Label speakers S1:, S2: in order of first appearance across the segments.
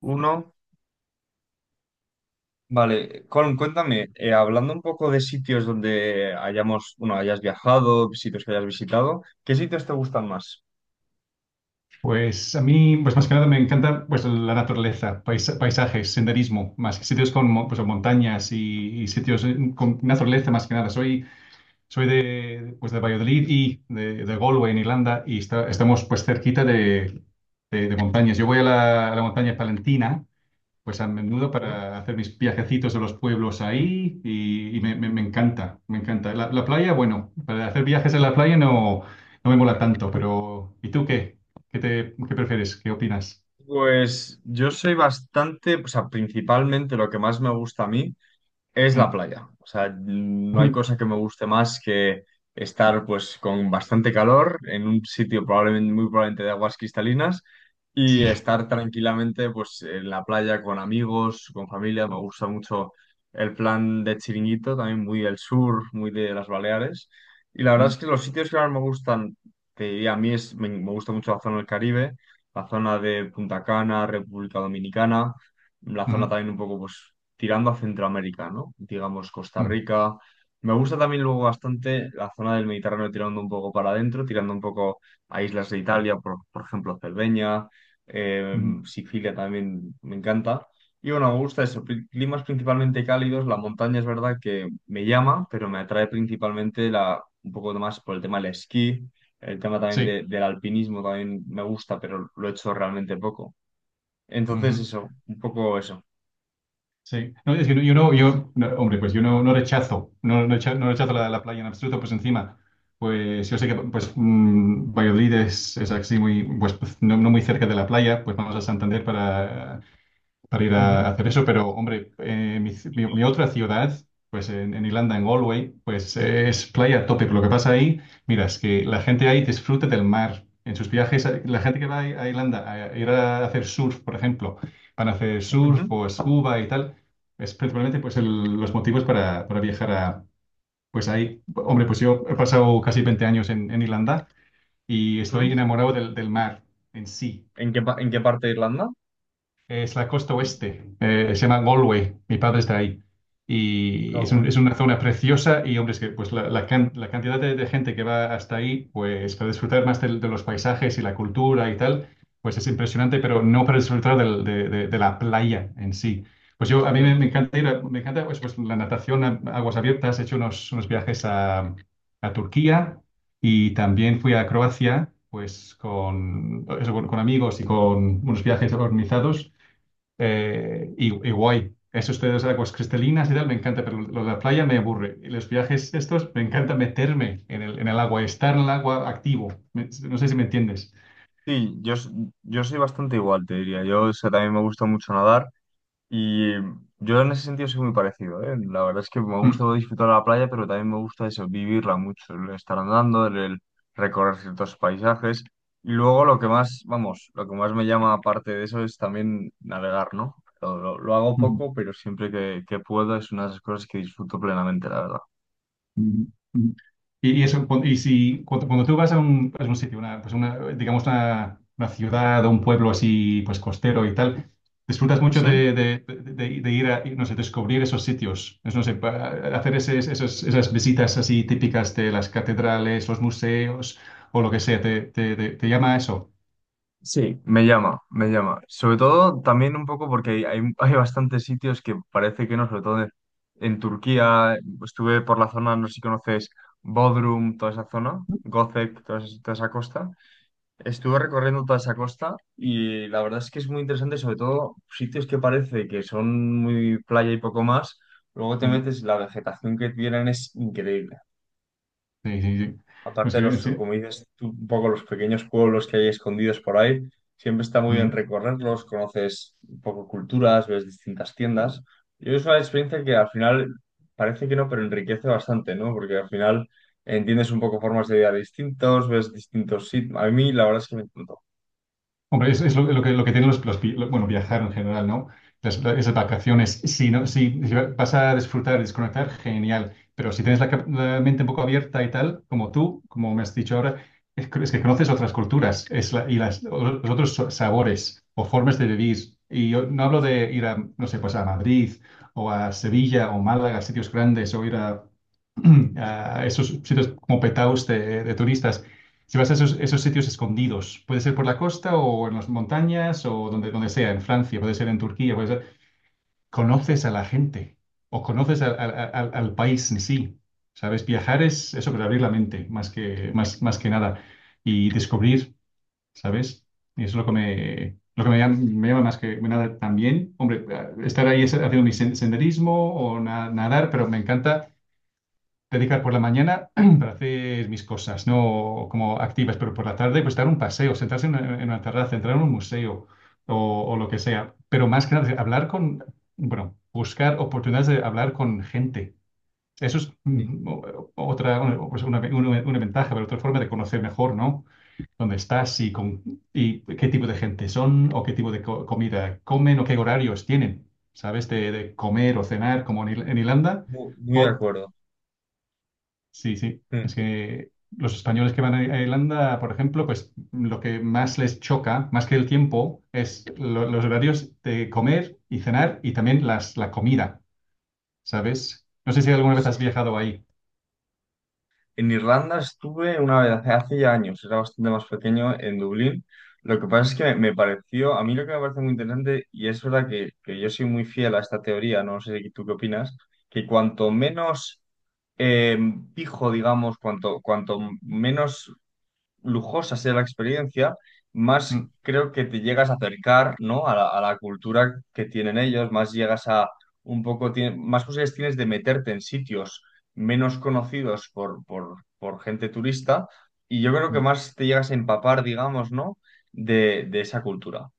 S1: Uno, vale, Colm, cuéntame, hablando un poco de sitios donde hayamos, bueno, hayas viajado, sitios que hayas visitado, ¿qué sitios te gustan más?
S2: Pues a mí, pues más que nada me encanta pues la naturaleza, paisajes, senderismo, más que sitios con montañas y sitios con naturaleza más que nada. Soy de Valladolid y de Galway en Irlanda y estamos pues cerquita de montañas. Yo voy a la montaña palentina pues a menudo
S1: ¿Sí?
S2: para hacer mis viajecitos a los pueblos ahí y me encanta, me encanta. La playa, bueno, para hacer viajes en la playa no me mola tanto, pero ¿y tú qué? ¿Qué prefieres? ¿Qué opinas?
S1: Pues yo soy bastante, o sea, principalmente lo que más me gusta a mí. Es la
S2: Mm.
S1: playa. O sea, no hay cosa que me guste más que estar pues con bastante calor en un sitio probablemente muy probablemente de aguas cristalinas y
S2: Sí.
S1: estar tranquilamente pues en la playa con amigos, con familia. Me gusta mucho el plan de Chiringuito, también muy del sur, muy de las Baleares. Y la verdad es
S2: Ujú,
S1: que los sitios que más me gustan, te diría, a mí es, me gusta mucho la zona del Caribe, la zona de Punta Cana, República Dominicana, la zona
S2: ujú,
S1: también un poco pues tirando a Centroamérica, ¿no? Digamos Costa Rica. Me gusta también luego bastante la zona del Mediterráneo tirando un poco para adentro, tirando un poco a islas de Italia, por ejemplo, Cerdeña, eh,
S2: mm, ujú.
S1: Sicilia también me encanta. Y bueno, me gusta eso, climas principalmente cálidos, la montaña es verdad que me llama, pero me atrae principalmente la, un poco más por el tema del esquí, el tema también
S2: Sí.
S1: del alpinismo también me gusta, pero lo he hecho realmente poco. Entonces eso, un poco eso.
S2: Sí, no, es que no- yo no, yo, no, hombre, pues yo no, no rechazo, no, no recha- no rechazo la playa en absoluto, pues encima, pues yo sé que pues Valladolid es así muy, pues no muy cerca de la playa, pues vamos a Santander para ir
S1: Ujú,
S2: a hacer eso, pero hombre, mi otra ciudad, pues en Irlanda, en Galway, pues es playa a tope. Pero lo que pasa ahí, mira, es que la gente ahí disfruta del mar. En sus viajes, la gente que va a Irlanda a ir a hacer surf, por ejemplo, van a hacer surf
S1: ujú.
S2: o scuba y tal, es principalmente pues los motivos para viajar a, pues ahí. Hombre, pues yo he pasado casi 20 años en Irlanda y estoy
S1: ¿Mm?
S2: enamorado del mar en sí.
S1: ¿En qué, en qué parte de Irlanda?
S2: Es la costa oeste, se llama Galway, mi padre está ahí. Y es,
S1: Galway.
S2: un- es una zona preciosa y, hombre, es que pues, la cantidad de gente que va hasta ahí, pues para disfrutar más de los paisajes y la cultura y tal, pues es impresionante,
S1: ¿Mm?
S2: pero no para disfrutar de la playa en sí. Pues yo, a mí me,
S1: Claro.
S2: me encanta ir, a- me encanta pues, pues, la natación a aguas abiertas, he hecho unos viajes a Turquía y también fui a Croacia, pues con amigos y con unos viajes organizados. Y guay. Eso ustedes de aguas cristalinas y tal, me encanta, pero lo de la playa me aburre. Y los viajes estos, me encanta meterme en el, agua, estar en el agua activo. No sé si me entiendes.
S1: Sí, yo, yo soy bastante igual, te diría. Yo o sea, también me gusta mucho nadar y yo en ese sentido soy muy parecido, ¿eh? La verdad es que me gusta disfrutar la playa, pero también me gusta eso, vivirla mucho, el estar andando, el recorrer ciertos paisajes. Y luego lo que más, vamos, lo que más me llama aparte de eso es también navegar, ¿no? Lo, lo hago
S2: Mm.
S1: poco, pero siempre que puedo es una de las cosas que disfruto plenamente, la verdad.
S2: Ujú, ujú. Y eso, cu- y si cuando, cuando tú vas a un sitio, una, pues una, digamos una ciudad o un pueblo así, pues costero y tal, disfrutas mucho
S1: ¿Sí?
S2: de ir a, no sé, descubrir esos sitios, es, no sé, hacer esas visitas así típicas de las catedrales, los museos o lo que sea, te llama a eso.
S1: Sí, me llama, me llama. Sobre todo también un poco porque hay bastantes sitios que parece que no, sobre todo en Turquía, estuve por la zona, no sé si conoces Bodrum, toda esa zona, Göcek, toda esa costa. Estuve recorriendo toda esa costa y la verdad es que es muy interesante, sobre todo sitios que parece que son muy playa y poco más, luego te
S2: Mm.
S1: metes, y la vegetación que tienen es increíble.
S2: Sí, sí, sí. Es
S1: Aparte,
S2: que,
S1: los,
S2: sí.
S1: como dices tú, un poco los pequeños pueblos que hay escondidos por ahí, siempre está muy bien
S2: Mm.
S1: recorrerlos, conoces un poco culturas, ves distintas tiendas. Y es una experiencia que al final parece que no, pero enriquece bastante, ¿no? Porque al final entiendes un poco formas de vida distintos, ves distintos sitios. A mí la verdad es que me encantó.
S2: Hombre, es lo que tienen los vi- lo- bueno, viajar en general, ¿no? Esas vacaciones, si, no, si vas a disfrutar, desconectar, genial, pero si tienes la mente un poco abierta y tal, como tú, como me has dicho ahora, es, que conoces otras culturas y los otros sabores o formas de vivir. Y yo no hablo
S1: Sí,
S2: de ir a, no sé, pues a Madrid o a Sevilla o Málaga, sitios grandes, o ir a, a esos sitios como petaos de turistas si vas a esos, sitios escondidos, puede ser por la costa o en las montañas o donde sea, en Francia, puede ser en Turquía, puede ser. Conoces a la gente o conoces al país en sí. ¿Sabes? Viajar es eso, pero abrir la mente más que nada y descubrir, ¿sabes? Y eso es lo que me llama más que nada también. Hombre, estar ahí haciendo mi senderismo o nadar, pero me encanta dedicar por la mañana para hacer mis cosas, no como activas, pero por la tarde pues dar un paseo, sentarse en una terraza, entrar en un museo o lo que sea. Pero más que nada, hablar buscar oportunidades de hablar con gente. Eso es
S1: sí,
S2: otra, una, pues, una ventaja, pero otra forma de conocer mejor, ¿no? Dónde estás y qué tipo de gente son o qué tipo de comida comen o qué horarios tienen, ¿sabes? De comer o cenar, como en Irlanda.
S1: muy, muy de acuerdo.
S2: Sí, sí.
S1: Mm,
S2: Es que los españoles que van a Irlanda, por ejemplo, pues lo que más les choca, más que el tiempo, es los horarios de comer y cenar y también la comida, ¿sabes? No sé si alguna vez has
S1: sí.
S2: viajado ahí.
S1: En Irlanda estuve una vez hace, hace ya años, era bastante más pequeño, en Dublín. Lo que pasa es que me pareció, a mí lo que me parece muy interesante, y es verdad que yo soy muy fiel a esta teoría, no sé tú qué opinas, que cuanto menos eh, fijo, digamos, cuanto, cuanto menos lujosa sea la experiencia, más
S2: Mm.
S1: creo que te llegas a acercar, ¿no?, a la cultura que tienen ellos, más llegas a un poco, más posibilidades tienes de meterte en sitios menos conocidos por gente turista y yo creo que más te llegas a empapar, digamos, ¿no? De esa cultura.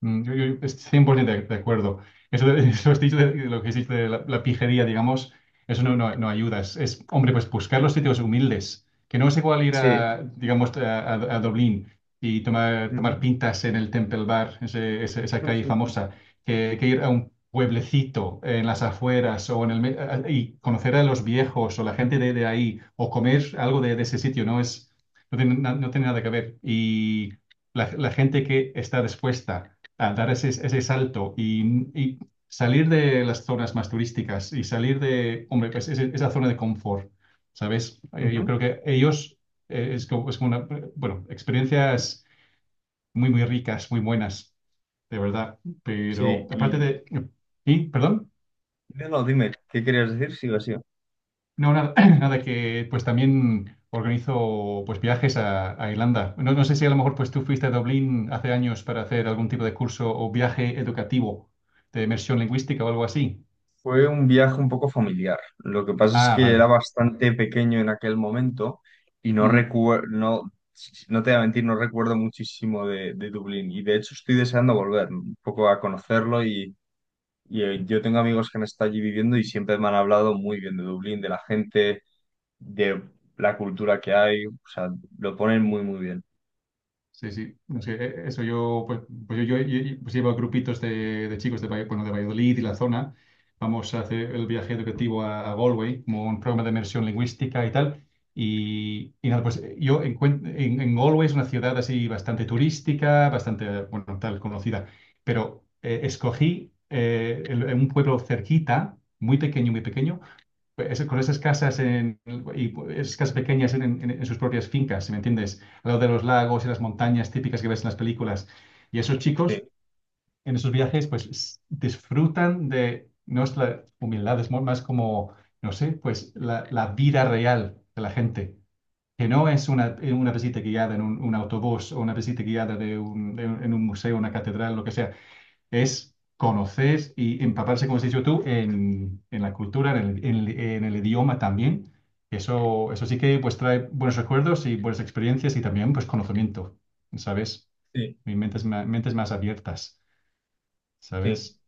S2: Yo estoy 100% de acuerdo. Eso has dicho de lo que has dicho de la pijería, digamos, eso no, no, no ayuda. Hombre, pues buscar los sitios humildes, que no es igual ir
S1: Sí.
S2: a, digamos, a Dublín y tomar
S1: Ujú.
S2: pintas en el Temple Bar, esa calle famosa, que ir a un pueblecito en las afueras o en el, me- a- y conocer a los viejos o la gente de ahí o comer algo de ese sitio, no es, no tiene, na- no tiene nada que ver. Y la gente que está dispuesta a dar ese salto y salir de las zonas más turísticas y salir de, hombre, pues esa zona de confort, ¿sabes? Yo
S1: Ujú.
S2: creo que ellos es como una, bueno, experiencias muy, muy ricas, muy buenas, de verdad. Pero
S1: Sí,
S2: aparte
S1: y
S2: de. ¿Y? ¿Perdón?
S1: no, no, dime, ¿qué querías decir? Sigo así.
S2: No, nada, nada que, pues también organizo pues viajes a Irlanda. No, no sé si a lo mejor pues tú fuiste a Dublín hace años para hacer algún tipo de curso o viaje educativo de inmersión lingüística o algo así.
S1: Fue un viaje un poco familiar. Lo que pasa es
S2: Ah,
S1: que era
S2: vale.
S1: bastante pequeño en aquel momento y no
S2: Ujú.
S1: recuerdo, no, no te voy a mentir, no recuerdo muchísimo de Dublín. Y de hecho estoy deseando volver un poco a conocerlo y, yo tengo amigos que han estado allí viviendo y siempre me han hablado muy bien de Dublín, de la gente, de la cultura que hay. O sea, lo ponen muy, muy bien.
S2: Sí, sí. No sé, eso yo, pues, pues yo- pues llevo a grupitos de chicos de Valladolid y la zona. Vamos a hacer el viaje educativo a Galway, como un programa de inmersión lingüística y tal. Y nada, pues en Galway es una ciudad así bastante turística, bastante, bueno, tal, conocida. Pero escogí un pueblo cerquita, muy pequeño, con esas casas y esas casas pequeñas en sus propias fincas, ¿me entiendes? Al lado de los lagos y las montañas típicas que ves en las películas. Y esos
S1: Sí,
S2: chicos en esos viajes pues disfrutan de nuestra humildad, es más como, no sé, pues la vida real de la gente, que no es una visita guiada en un autobús o una visita guiada en un museo, una catedral, lo que sea es conocer y empaparse, como has dicho tú, en la cultura, en el idioma también. Eso sí que pues trae buenos recuerdos y buenas experiencias y también pues conocimiento, ¿sabes?
S1: sí.
S2: Y mentes más abiertas,
S1: Sí.
S2: ¿sabes?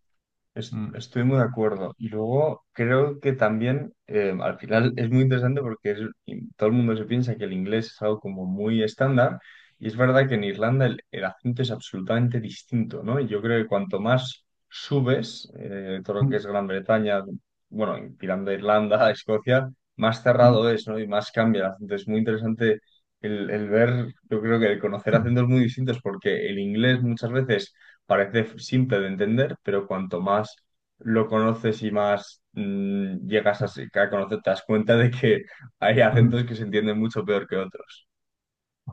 S2: Mm.
S1: Estoy muy de acuerdo. Y luego creo que también al final es muy interesante porque y todo el mundo se piensa que el inglés es algo como muy estándar y es verdad que en Irlanda el acento es absolutamente distinto, ¿no? Y yo creo que cuanto más subes, todo lo que
S2: Mm,
S1: es Gran Bretaña, bueno, tirando a Irlanda, a Escocia, más
S2: mm,
S1: cerrado es, ¿no? Y más cambia el acento. Es muy interesante el ver, yo creo que el conocer acentos muy distintos porque el inglés muchas veces parece simple de entender, pero cuanto más lo conoces y más llegas a, a conocer, te das cuenta de que hay
S2: mm.
S1: acentos que se entienden mucho peor que otros.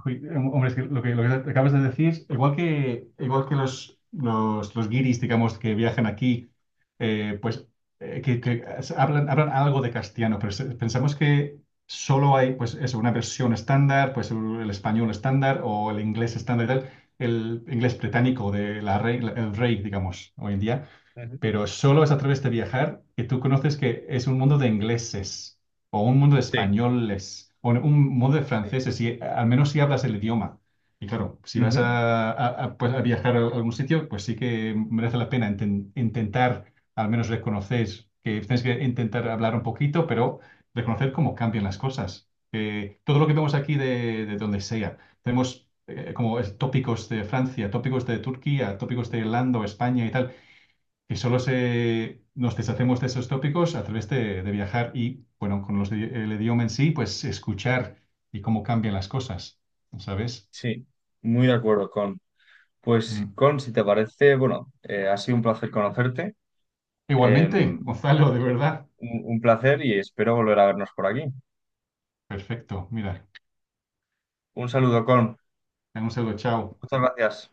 S2: Uy, hombre, es que lo que acabas de decir, igual que los guiris, digamos, que viajan aquí, pues que hablan algo de castellano, pero pensamos que solo hay, pues eso, una versión estándar, pues el español estándar o el inglés estándar y tal, el inglés británico de la rey, el rey, digamos, hoy en día
S1: Ujú.
S2: pero solo es a través de viajar que tú conoces que es un mundo de ingleses o un mundo de
S1: Sí,
S2: españoles o un mundo de
S1: sí.
S2: franceses, si, al menos si hablas el idioma. Y claro, si vas
S1: Ujú,
S2: a, a viajar a algún sitio, pues sí que merece la pena intentar, al menos reconocer, que tienes que intentar hablar un poquito, pero reconocer cómo cambian las cosas. Que todo lo que vemos aquí de donde sea, tenemos como tópicos de Francia, tópicos de Turquía, tópicos de Irlanda, o España y tal que solo nos deshacemos de esos tópicos a través de viajar y, bueno, con el idioma en sí, pues escuchar y cómo cambian las cosas, ¿sabes?
S1: sí, muy de acuerdo con. Pues,
S2: Mm.
S1: Con, si te parece, bueno, ha sido un placer conocerte, em,
S2: Igualmente, Gonzalo, de verdad.
S1: un placer y espero volver a vernos por aquí.
S2: Perfecto, mira.
S1: Un saludo, Con.
S2: Un saludo, chao
S1: Muchas gracias.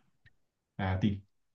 S2: a ti.